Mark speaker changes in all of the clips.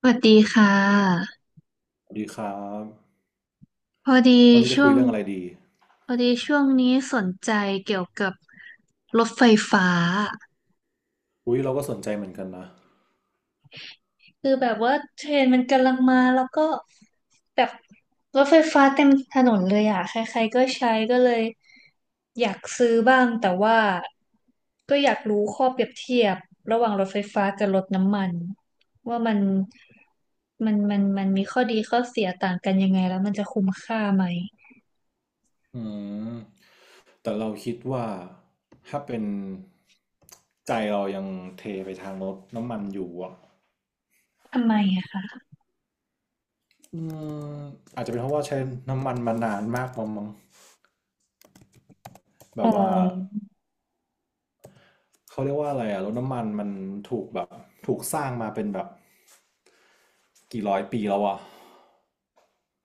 Speaker 1: สวัสดีค่ะ
Speaker 2: สวัสดีครับ
Speaker 1: พอดี
Speaker 2: วันนี้จะ
Speaker 1: ช่
Speaker 2: คุ
Speaker 1: ว
Speaker 2: ย
Speaker 1: ง
Speaker 2: เรื่องอะไรดี
Speaker 1: นี้สนใจเกี่ยวกับรถไฟฟ้า
Speaker 2: อุ้ยเราก็สนใจเหมือนกันนะ
Speaker 1: คือแบบว่าเทรนด์มันกำลังมาแล้วก็แบบรถไฟฟ้าเต็มถนนเลยอ่ะใครๆก็ใช้ก็เลยอยากซื้อบ้างแต่ว่าก็อยากรู้ข้อเปรียบเทียบระหว่างรถไฟฟ้ากับรถน้ำมันว่ามันมันมีข้อดีข้อเสียต่างกันยังไงแล้วมันจะคุ้มค่าไหม
Speaker 2: อืมแต่เราคิดว่าถ้าเป็นใจเรายังเทไปทางรถน้ำมันอยู่อ่ะ
Speaker 1: ทำไมอะคะ
Speaker 2: อืมอาจจะเป็นเพราะว่าใช้น้ำมันมานานมากมั้งแบ
Speaker 1: อ๋
Speaker 2: บว่า
Speaker 1: อ
Speaker 2: เขาเรียกว่าอะไรอ่ะรถน้ำมันมันถูกแบบถูกสร้างมาเป็นแบบ กี่ร้อยปีแล้ววะ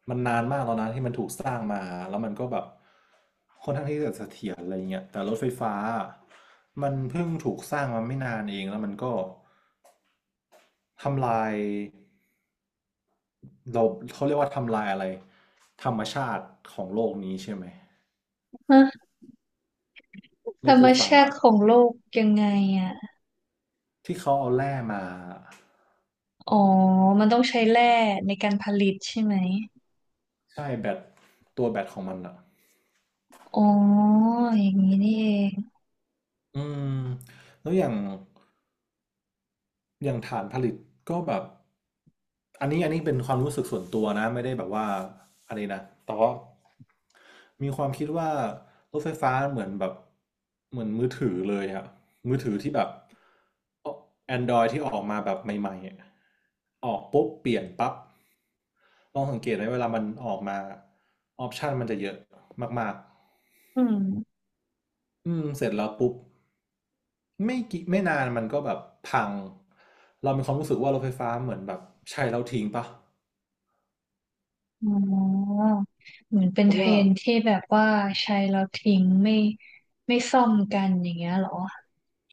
Speaker 2: มันนานมากแล้วนะที่มันถูกสร้างมาแล้วมันก็แบบค่อนข้างที่จะเสถียรอะไรเงี้ยแต่รถไฟฟ้ามันเพิ่งถูกสร้างมาไม่นานเองแล้วมันก็ทำลายเราเขาเรียกว่าทำลายอะไรธรรมชาติของโลกนี้ใช่ไหมร
Speaker 1: ธร
Speaker 2: ถ
Speaker 1: ร
Speaker 2: ไฟ
Speaker 1: ม
Speaker 2: ฟ้า
Speaker 1: ชาติของโลกยังไงอ่ะ
Speaker 2: ที่เขาเอาแร่มา
Speaker 1: อ๋อ มันต้องใช้แร่ในการผลิตใช่ไหม
Speaker 2: ใช่แบตตัวแบตของมันอ่ะ
Speaker 1: อ๋อ อย่างนี้นี่เอง
Speaker 2: อืมแล้วอย่างฐานผลิตก็แบบอันนี้เป็นความรู้สึกส่วนตัวนะไม่ได้แบบว่าอันนี้นะแต่ว่ามีความคิดว่ารถไฟฟ้าเหมือนมือถือเลยอะมือถือที่แบบ Android ที่ออกมาแบบใหม่ๆอะออกปุ๊บเปลี่ยนปั๊บลองสังเกตไหมเวลามันออกมาออปชันมันจะเยอะมาก
Speaker 1: อืม
Speaker 2: ๆเสร็จแล้วปุ๊บ ไม่นานมันก็แบบพังเรามีความรู้สึกว่ารถไฟฟ้าเหมือนแบบใช้แล้วทิ้งปะ
Speaker 1: อ๋อ เหมือนเป็น
Speaker 2: เพ
Speaker 1: เท
Speaker 2: ราะ
Speaker 1: ร
Speaker 2: ว่า
Speaker 1: นที่แบบว่าใช้แล้วทิ้งไม่ซ่อมกันอย่างเงี้ยเหรอ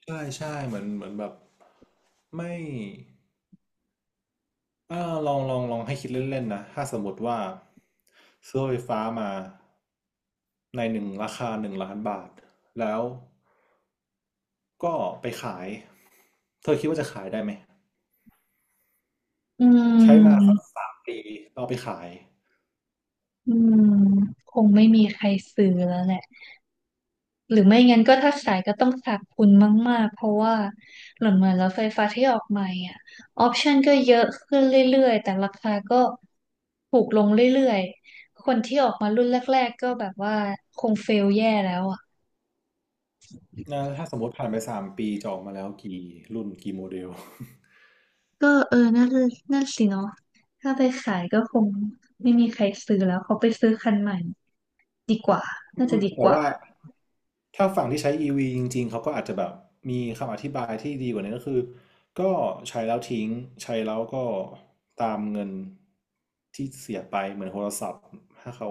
Speaker 2: ใช่ใช่เหมือนแบบไม่อ่าลองให้คิดเล่นๆนะถ้าสมมติว่าซื้อรถไฟฟ้ามาในหนึ่งราคา1,000,000 บาทแล้วก็ไปขายเธอคิดว่าจะขายได้ไหม
Speaker 1: อื
Speaker 2: ใช้มาสัก
Speaker 1: ม
Speaker 2: สามปีเราไปขาย
Speaker 1: อืมคงไม่มีใครซื้อแล้วแหละ หรือไม่งั้นก็ถ้าขายก็ต้องขาดทุนมากๆ เพราะว่าเหลอนเหมือนรถไฟฟ้าที่ออกใหม่อ่ะออปชันก็เยอะขึ้นเรื่อยๆแต่ราคาก็ถูกลงเรื่อยๆคนที่ออกมารุ่นแรกๆก็แบบว่าคงเฟลแย่แล้วอ่ะ
Speaker 2: นะถ้าสมมติผ่านไปสามปีจะออกมาแล้วกี่รุ่นกี่โมเดล
Speaker 1: ก็เออนั่นสิเนาะถ้าไปขายก็คงไม่มีใครซื้อแล้วเขาไปซื้อคันใหม่น่าจะดีก
Speaker 2: แต่
Speaker 1: ว่า
Speaker 2: ว่าถ้าฝั่งที่ใช้ EV จริงๆเขาก็อาจจะแบบมีคำอธิบายที่ดีกว่านี้ก็คือก็ใช้แล้วทิ้งใช้แล้วก็ตามเงินที่เสียไปเหมือนโทรศัพท์ถ้าเขา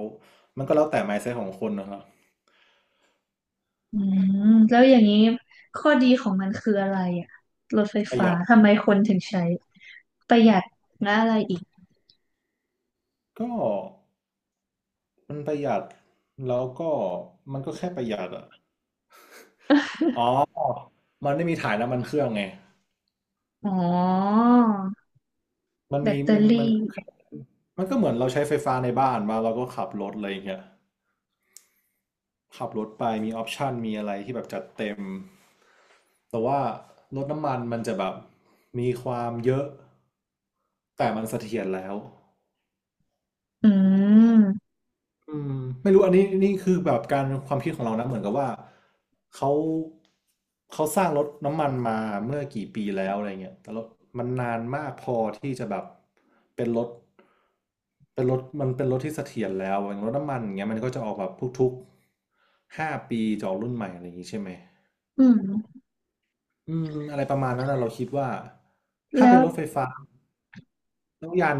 Speaker 2: มันก็แล้วแต่ mindset ของคนนะครับ
Speaker 1: อืมแล้วอย่างนี้ข้อดีของมันคืออะไรอ่ะรถไฟ
Speaker 2: ประห
Speaker 1: ฟ้า
Speaker 2: ยัด
Speaker 1: ทำไมคนถึงใช้ประหยัดและอะไรอีก
Speaker 2: ก็มันประหยัดแล้วก็มันก็แค่ประหยัดอะอ๋อมันไม่มีถ่ายน้ำมันเครื่องไง
Speaker 1: อ๋อ
Speaker 2: มัน
Speaker 1: แบ
Speaker 2: มี
Speaker 1: ตเตอ
Speaker 2: มันมัน
Speaker 1: รี่
Speaker 2: มันก็เหมือนเราใช้ไฟฟ้าในบ้านมาเราก็ขับรถอะไรอย่างเงี้ย ขับรถไปมีออปชันมีอะไรที่แบบจัดเต็มแต่ว่ารถน้ำมันมันจะแบบมีความเยอะแต่มันเสถียรแล้ว
Speaker 1: อืม
Speaker 2: อืมไม่รู้อันนี้นี่คือแบบการความคิดของเรานะเหมือนกับว่าเขาเขาสร้างรถน้ำมันมาเมื่อกี่ปีแล้วอะไรเงี้ยแต่รถมันนานมากพอที่จะแบบเป็นรถเป็นรถที่เสถียรแล้วอย่างรถน้ำมันอย่างเงี้ยมันก็จะออกแบบทุกๆ5 ปีจะออกรุ่นใหม่อะไรอย่างงี้ใช่ไหม
Speaker 1: อืม
Speaker 2: อืมอะไรประมาณนั้นน่ะเราคิดว่าถ้า
Speaker 1: แล้
Speaker 2: เป็น
Speaker 1: ว
Speaker 2: รถไฟฟ้าแล้ว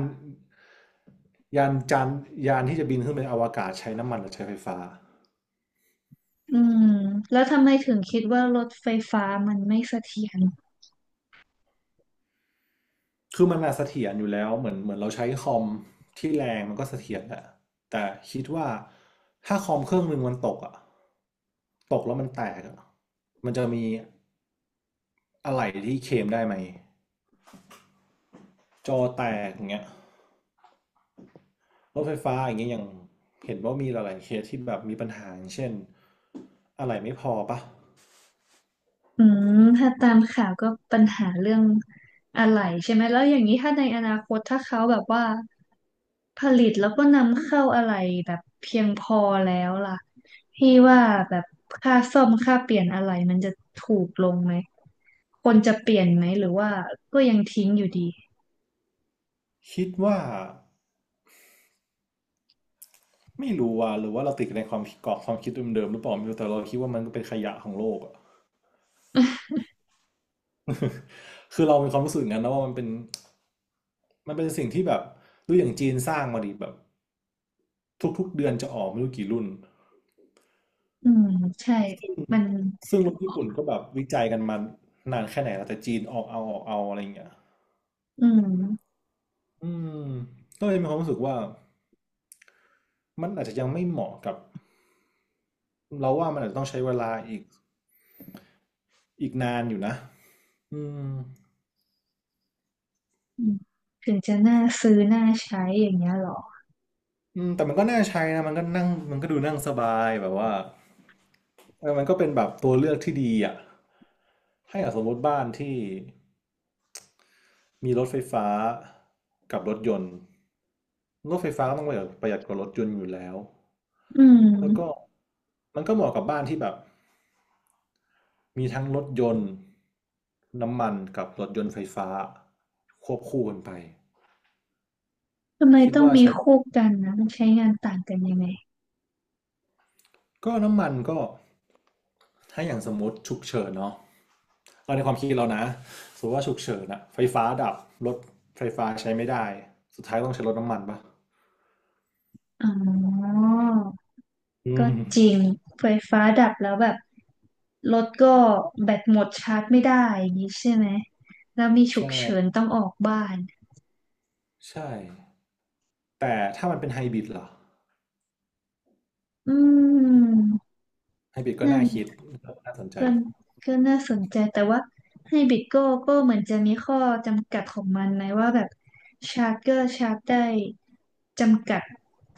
Speaker 2: ยานจานยานที่จะบินขึ้นไปอวกาศใช้น้ำมันหรือใช้ไฟฟ้า
Speaker 1: อืมแล้วทำไมถึงคิดว่ารถไฟฟ้ามันไม่เสถียร
Speaker 2: คือมันน่ะเสถียรอยู่แล้วเหมือนเราใช้คอมที่แรงมันก็เสถียรแหละแต่คิดว่าถ้าคอมเครื่องหนึ่งมันตกอ่ะตกแล้วมันแตกอ่ะมันจะมีอะไรที่เคลมได้ไหมจอแตกอย่างเงี้ยรถไฟฟ้าอย่างเงี้ยยังเห็นว่ามีหลายๆเคสที่แบบมีปัญหาอย่างเช่นอะไรไม่พอปะ
Speaker 1: อืมถ้าตามข่าวก็ปัญหาเรื่องอะไหล่ใช่ไหมแล้วอย่างนี้ถ้าในอนาคตถ้าเขาแบบว่าผลิตแล้วก็นำเข้าอะไหล่แบบเพียงพอแล้วล่ะพี่ว่าแบบค่าซ่อมค่าเปลี่ยนอะไหล่มันจะถูกลงไหมคนจะเปลี่ยนไหมหรือว่าก็ยังทิ้งอยู่ดี
Speaker 2: คิดว่าไม่รู้ว่าหรือว่าเราติดในความคิดกรอบความคิดเดิมๆหรือเปล่าไม่รู้แต่เราคิดว่ามันก็เป็นขยะของโลกอะ คือเรามีความรู้สึกองั้นนะว่ามันเป็นมันเป็นสิ่งที่แบบดูอย่างจีนสร้างมาดิแบบทุกๆเดือนจะออกไม่รู้กี่รุ่น
Speaker 1: อืมใช่มัน
Speaker 2: ซึ่งรุ่นญี่ปุ่นก็แบบวิจัยกันมานานแค่ไหนแล้วแต่จีนออกเอาออกเอาอะไรอย่างเงี้ย
Speaker 1: อืม
Speaker 2: อืมก็เลยมีความรู้สึกว่ามันอาจจะยังไม่เหมาะกับเราว่ามันอาจจะต้องใช้เวลาอีกนานอยู่นะอืม
Speaker 1: อืมถึงจะน่าซื้อน่าใช้อย่างเงี้ยเหรอ
Speaker 2: อืมแต่มันก็น่าใช้นะมันก็นั่งมันก็ดูนั่งสบายแบบว่าเออมันก็เป็นแบบตัวเลือกที่ดีอ่ะให้อ่ะสมมติบ้านที่มีรถไฟฟ้ากับรถยนต์รถไฟฟ้าก็ต้องประหยัดกว่ารถยนต์อยู่แล้ว
Speaker 1: อื
Speaker 2: แล้วก็
Speaker 1: ม
Speaker 2: มันก็เหมาะกับบ้านที่แบบมีทั้งรถยนต์น้ำมันกับรถยนต์ไฟฟ้าควบคู่กันไป
Speaker 1: ทำไม
Speaker 2: คิด
Speaker 1: ต้อง
Speaker 2: ว่า
Speaker 1: มี
Speaker 2: ใช้
Speaker 1: คู่กันนะมันใช้งานต่างกันยังไง
Speaker 2: ก็น้ำมันก็ถ้าอย่างสมมติฉุกเฉินเนาะ เราในความคิดเรานะสมมติว่าฉุกเฉินอะไฟฟ้าดับ รถไฟฟ้าใช้ไม่ได้ สุดท้ายต้องใช้รถน้ำมันปะ
Speaker 1: อ๋อ
Speaker 2: อื
Speaker 1: ก็จริ
Speaker 2: ม
Speaker 1: งไฟฟ้าดับแล้วแบบรถก็แบตหมดชาร์จไม่ได้อย่างนี้ใช่ไหมแล้วมีฉุ
Speaker 2: ใช่
Speaker 1: กเฉินต้องออกบ้าน
Speaker 2: ใช่ แต่ถ้ามันเป็นไฮบริดเหรอ
Speaker 1: อืม
Speaker 2: ไฮบริดก็
Speaker 1: นั่
Speaker 2: น่า
Speaker 1: น
Speaker 2: คิด น่าสนใจ
Speaker 1: ก็ก็น่าสนใจแต่ว่าให้บริดโก้ก็เหมือนจะมีข้อจำกัดของมันนะว่าแบบชาร์จก็ชาร์จได้จำกัด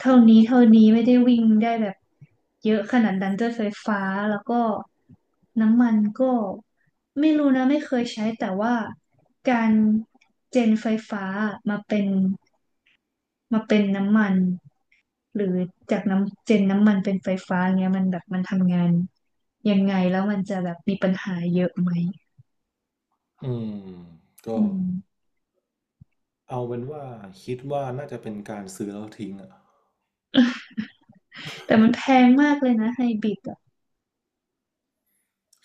Speaker 1: เท่านี้เท่านี้ไม่ได้วิ่งได้แบบเยอะขนาดนั้นด้วยไฟฟ้าแล้วก็น้ำมันก็ไม่รู้นะไม่เคยใช้แต่ว่าการเจนไฟฟ้ามาเป็นมาเป็นน้ำมัน หรือจากน้ำเจนน้ำมันเป็นไฟฟ้าเงี้ยมันแบบมันทำงานยังไงแล้วมันจะแบบมีปัญหาเยอะไหม
Speaker 2: อืมก็
Speaker 1: อืม
Speaker 2: เอาเป็นว่าคิดว่าน่าจะเป็นการซื้อแล้วทิ้งอะ
Speaker 1: แต่มันแพงมากเลยนะไฮบริดอ่ะ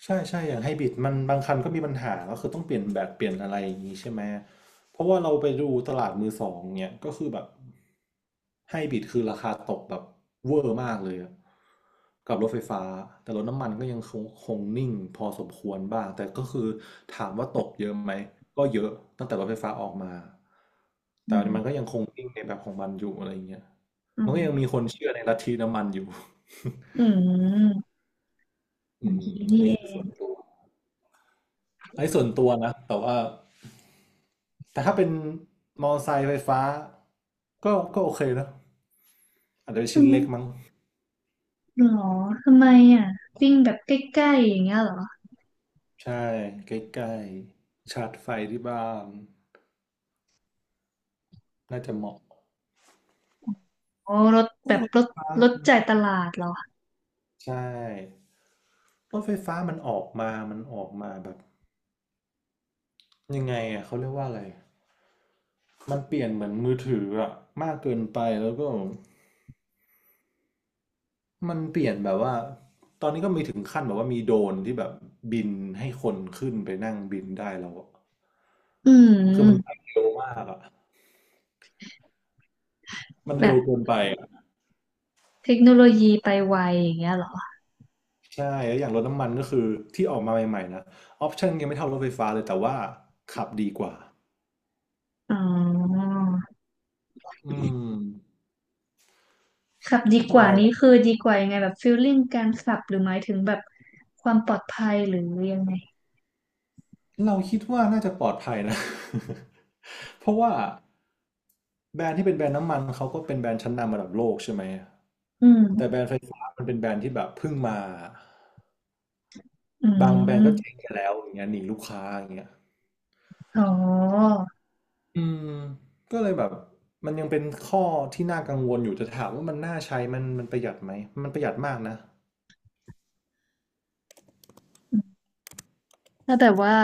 Speaker 2: ใช่ใช่อย่างไฮบริดมันบางคันก็มีปัญหาก็คือต้องเปลี่ยนแบตเปลี่ยนอะไรอย่างนี้ใช่ไหมเพราะว่าเราไปดูตลาดมือสองเนี่ยก็คือแบบไฮบริดคือราคาตกแบบเวอร์มากเลยอะกับรถไฟฟ้าแต่รถน้ำมันก็ยังคงนิ่งพอสมควรบ้างแต่ก็คือถามว่าตกเยอะไหมก็เยอะตั้งแต่รถไฟฟ้าออกมา
Speaker 1: อื
Speaker 2: แต่มันก็
Speaker 1: ม
Speaker 2: ยังคงนิ่งในแบบของมันอยู่อะไรเงี้ย
Speaker 1: อื
Speaker 2: มัน
Speaker 1: ม
Speaker 2: ก็ยังมีคนเชื่อในลัทธิน้ำมันอยู่
Speaker 1: อืม อ
Speaker 2: อื
Speaker 1: ย่าง
Speaker 2: ม
Speaker 1: นี้
Speaker 2: อัน
Speaker 1: นี่
Speaker 2: นี้
Speaker 1: เอ
Speaker 2: คือส่
Speaker 1: ง
Speaker 2: วนตัว อันนี้ส่วนตัวนะแต่ว่าแต่ถ้าเป็นมอเตอร์ไซค์ไฟฟ้าก็โอเคนะอาจจะเป็น
Speaker 1: อื
Speaker 2: ชิ้น
Speaker 1: ม
Speaker 2: เล็กมั้ง
Speaker 1: หรอทำไมอ่ะวิ่งแบบใกล้ๆอย่างเงี้ยเหรอ
Speaker 2: ใช่ใกล้ๆชาร์จไฟที่บ้านน่าจะเหมาะ
Speaker 1: อ๋อรถแบ
Speaker 2: โอ้
Speaker 1: บ
Speaker 2: รถ
Speaker 1: ร
Speaker 2: ไฟ
Speaker 1: ถ
Speaker 2: ฟ้า
Speaker 1: รถจ่ายตลาดเหรอ
Speaker 2: ใช่รถไฟฟ้ามันออกมาแบบยังไงอ่ะเขาเรียกว่าอะไรมันเปลี่ยนเหมือนมือถืออะมากเกินไปแล้วก็มันเปลี่ยนแบบว่าตอนนี้ก็มีถึงขั้นแบบว่ามีโดรนที่แบบบินให้คนขึ้นไปนั่งบินได้แล้วอะ
Speaker 1: อื
Speaker 2: คือมันไป
Speaker 1: ม
Speaker 2: เร็วมากอ่ะมันเร็
Speaker 1: แบบ
Speaker 2: วเกินไปอะ
Speaker 1: เทคโนโลยีไปไวอย่างเงี้ยเหรอ
Speaker 2: ใช่แล้วอย่างรถน้ำมันก็คือที่ออกมาใหม่ๆนะออปชั่นยังไม่เท่ารถไฟฟ้าเลยแต่ว่าขับดีกว่า
Speaker 1: อ๋อ
Speaker 2: อืม
Speaker 1: ขับดีก
Speaker 2: เอ่
Speaker 1: ว่านี้
Speaker 2: อ
Speaker 1: คือดีกว่ายังไงแบบฟีลลิ่งการขับหรือหมายถึงแบบความปลอดภัยหรือยังไง
Speaker 2: เราคิดว่าน่าจะปลอดภัยนะ เพราะว่าแบรนด์ที่เป็นแบรนด์น้ำมันเขาก็เป็นแบรนด์ชั้นนำระดับโลกใช่ไหม
Speaker 1: อื
Speaker 2: แต่แบ
Speaker 1: ม
Speaker 2: รนด์ไฟฟ้ามันเป็นแบรนด์ที่แบบเพิ่งมา
Speaker 1: อื
Speaker 2: บางแบรนด์ก็เจ๊ง
Speaker 1: ม
Speaker 2: ไปแล้วอย่างเงี้ยหนีลูกค้าอย่างเงี้ย
Speaker 1: อ๋อ
Speaker 2: อืมก็เลยแบบมันยังเป็นข้อที่น่ากังวลอยู่แต่ถามว่ามันน่าใช้มันประหยัดไหมมันประหยัดมากนะ
Speaker 1: อืมถ้าแบบว่า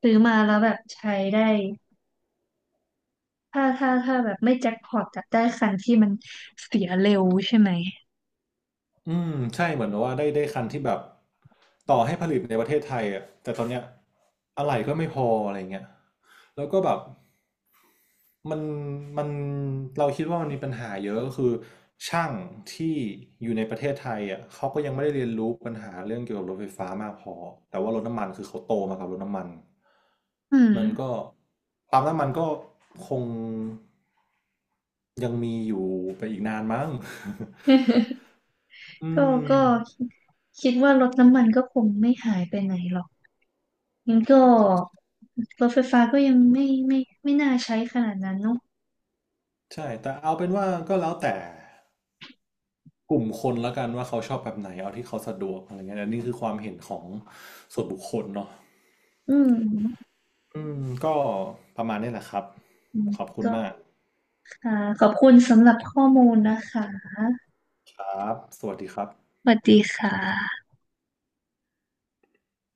Speaker 1: ซื้อมาแล้วแบบใช้ได้ ถ้าแบบไม่แจ็คพอตจะได้คันที่มันเสียเร็วใช่ไหม
Speaker 2: อืมใช่เหมือนแบบว่าได้คันที่แบบต่อให้ผลิตในประเทศไทยอ่ะแต่ตอนเนี้ยอะไหล่ก็ไม่พออะไรเงี้ยแล้วก็แบบ มันมันเราคิดว่ามันมีปัญหาเยอะก็คือช่างที่อยู่ในประเทศไทยอ่ะเขาก็ยังไม่ได้เรียนรู้ปัญหาเรื่องเกี่ยวกับรถไฟฟ้ามากพอแต่ว่ารถน้ำมันคือเขาโตมากับรถน้ำมัน
Speaker 1: อืม
Speaker 2: มันก็ปั๊มน้ำมันก็คงยังมีอยู่ไปอีกนานมั้ง อื
Speaker 1: ก็
Speaker 2: ม
Speaker 1: ก็คิดว่ารถน้ำมันก็คงไม่หายไปไหนหรอกงั้นก็รถไฟฟ้าก็ยังไม่น่าใช้ขนาดนั้นเนอะ
Speaker 2: ใช่แต่เอาเป็นว่าก็แล้วแต่กลุ่มคนละกันว่าเขาชอบแบบไหนเอาที่เขาสะดวกอะไรเงี้ยอันนี้คือความเห็นของส่วนบุคคลเนาะ
Speaker 1: อืม
Speaker 2: อืมก็ประมาณนี้แหละครับ
Speaker 1: อืม
Speaker 2: ขอบคุณ
Speaker 1: ก็
Speaker 2: มาก
Speaker 1: ค่ะขอบคุณสำหรับข้อมูลนะคะ
Speaker 2: ครับสวัสดีครับ
Speaker 1: สวัสดีค่ะ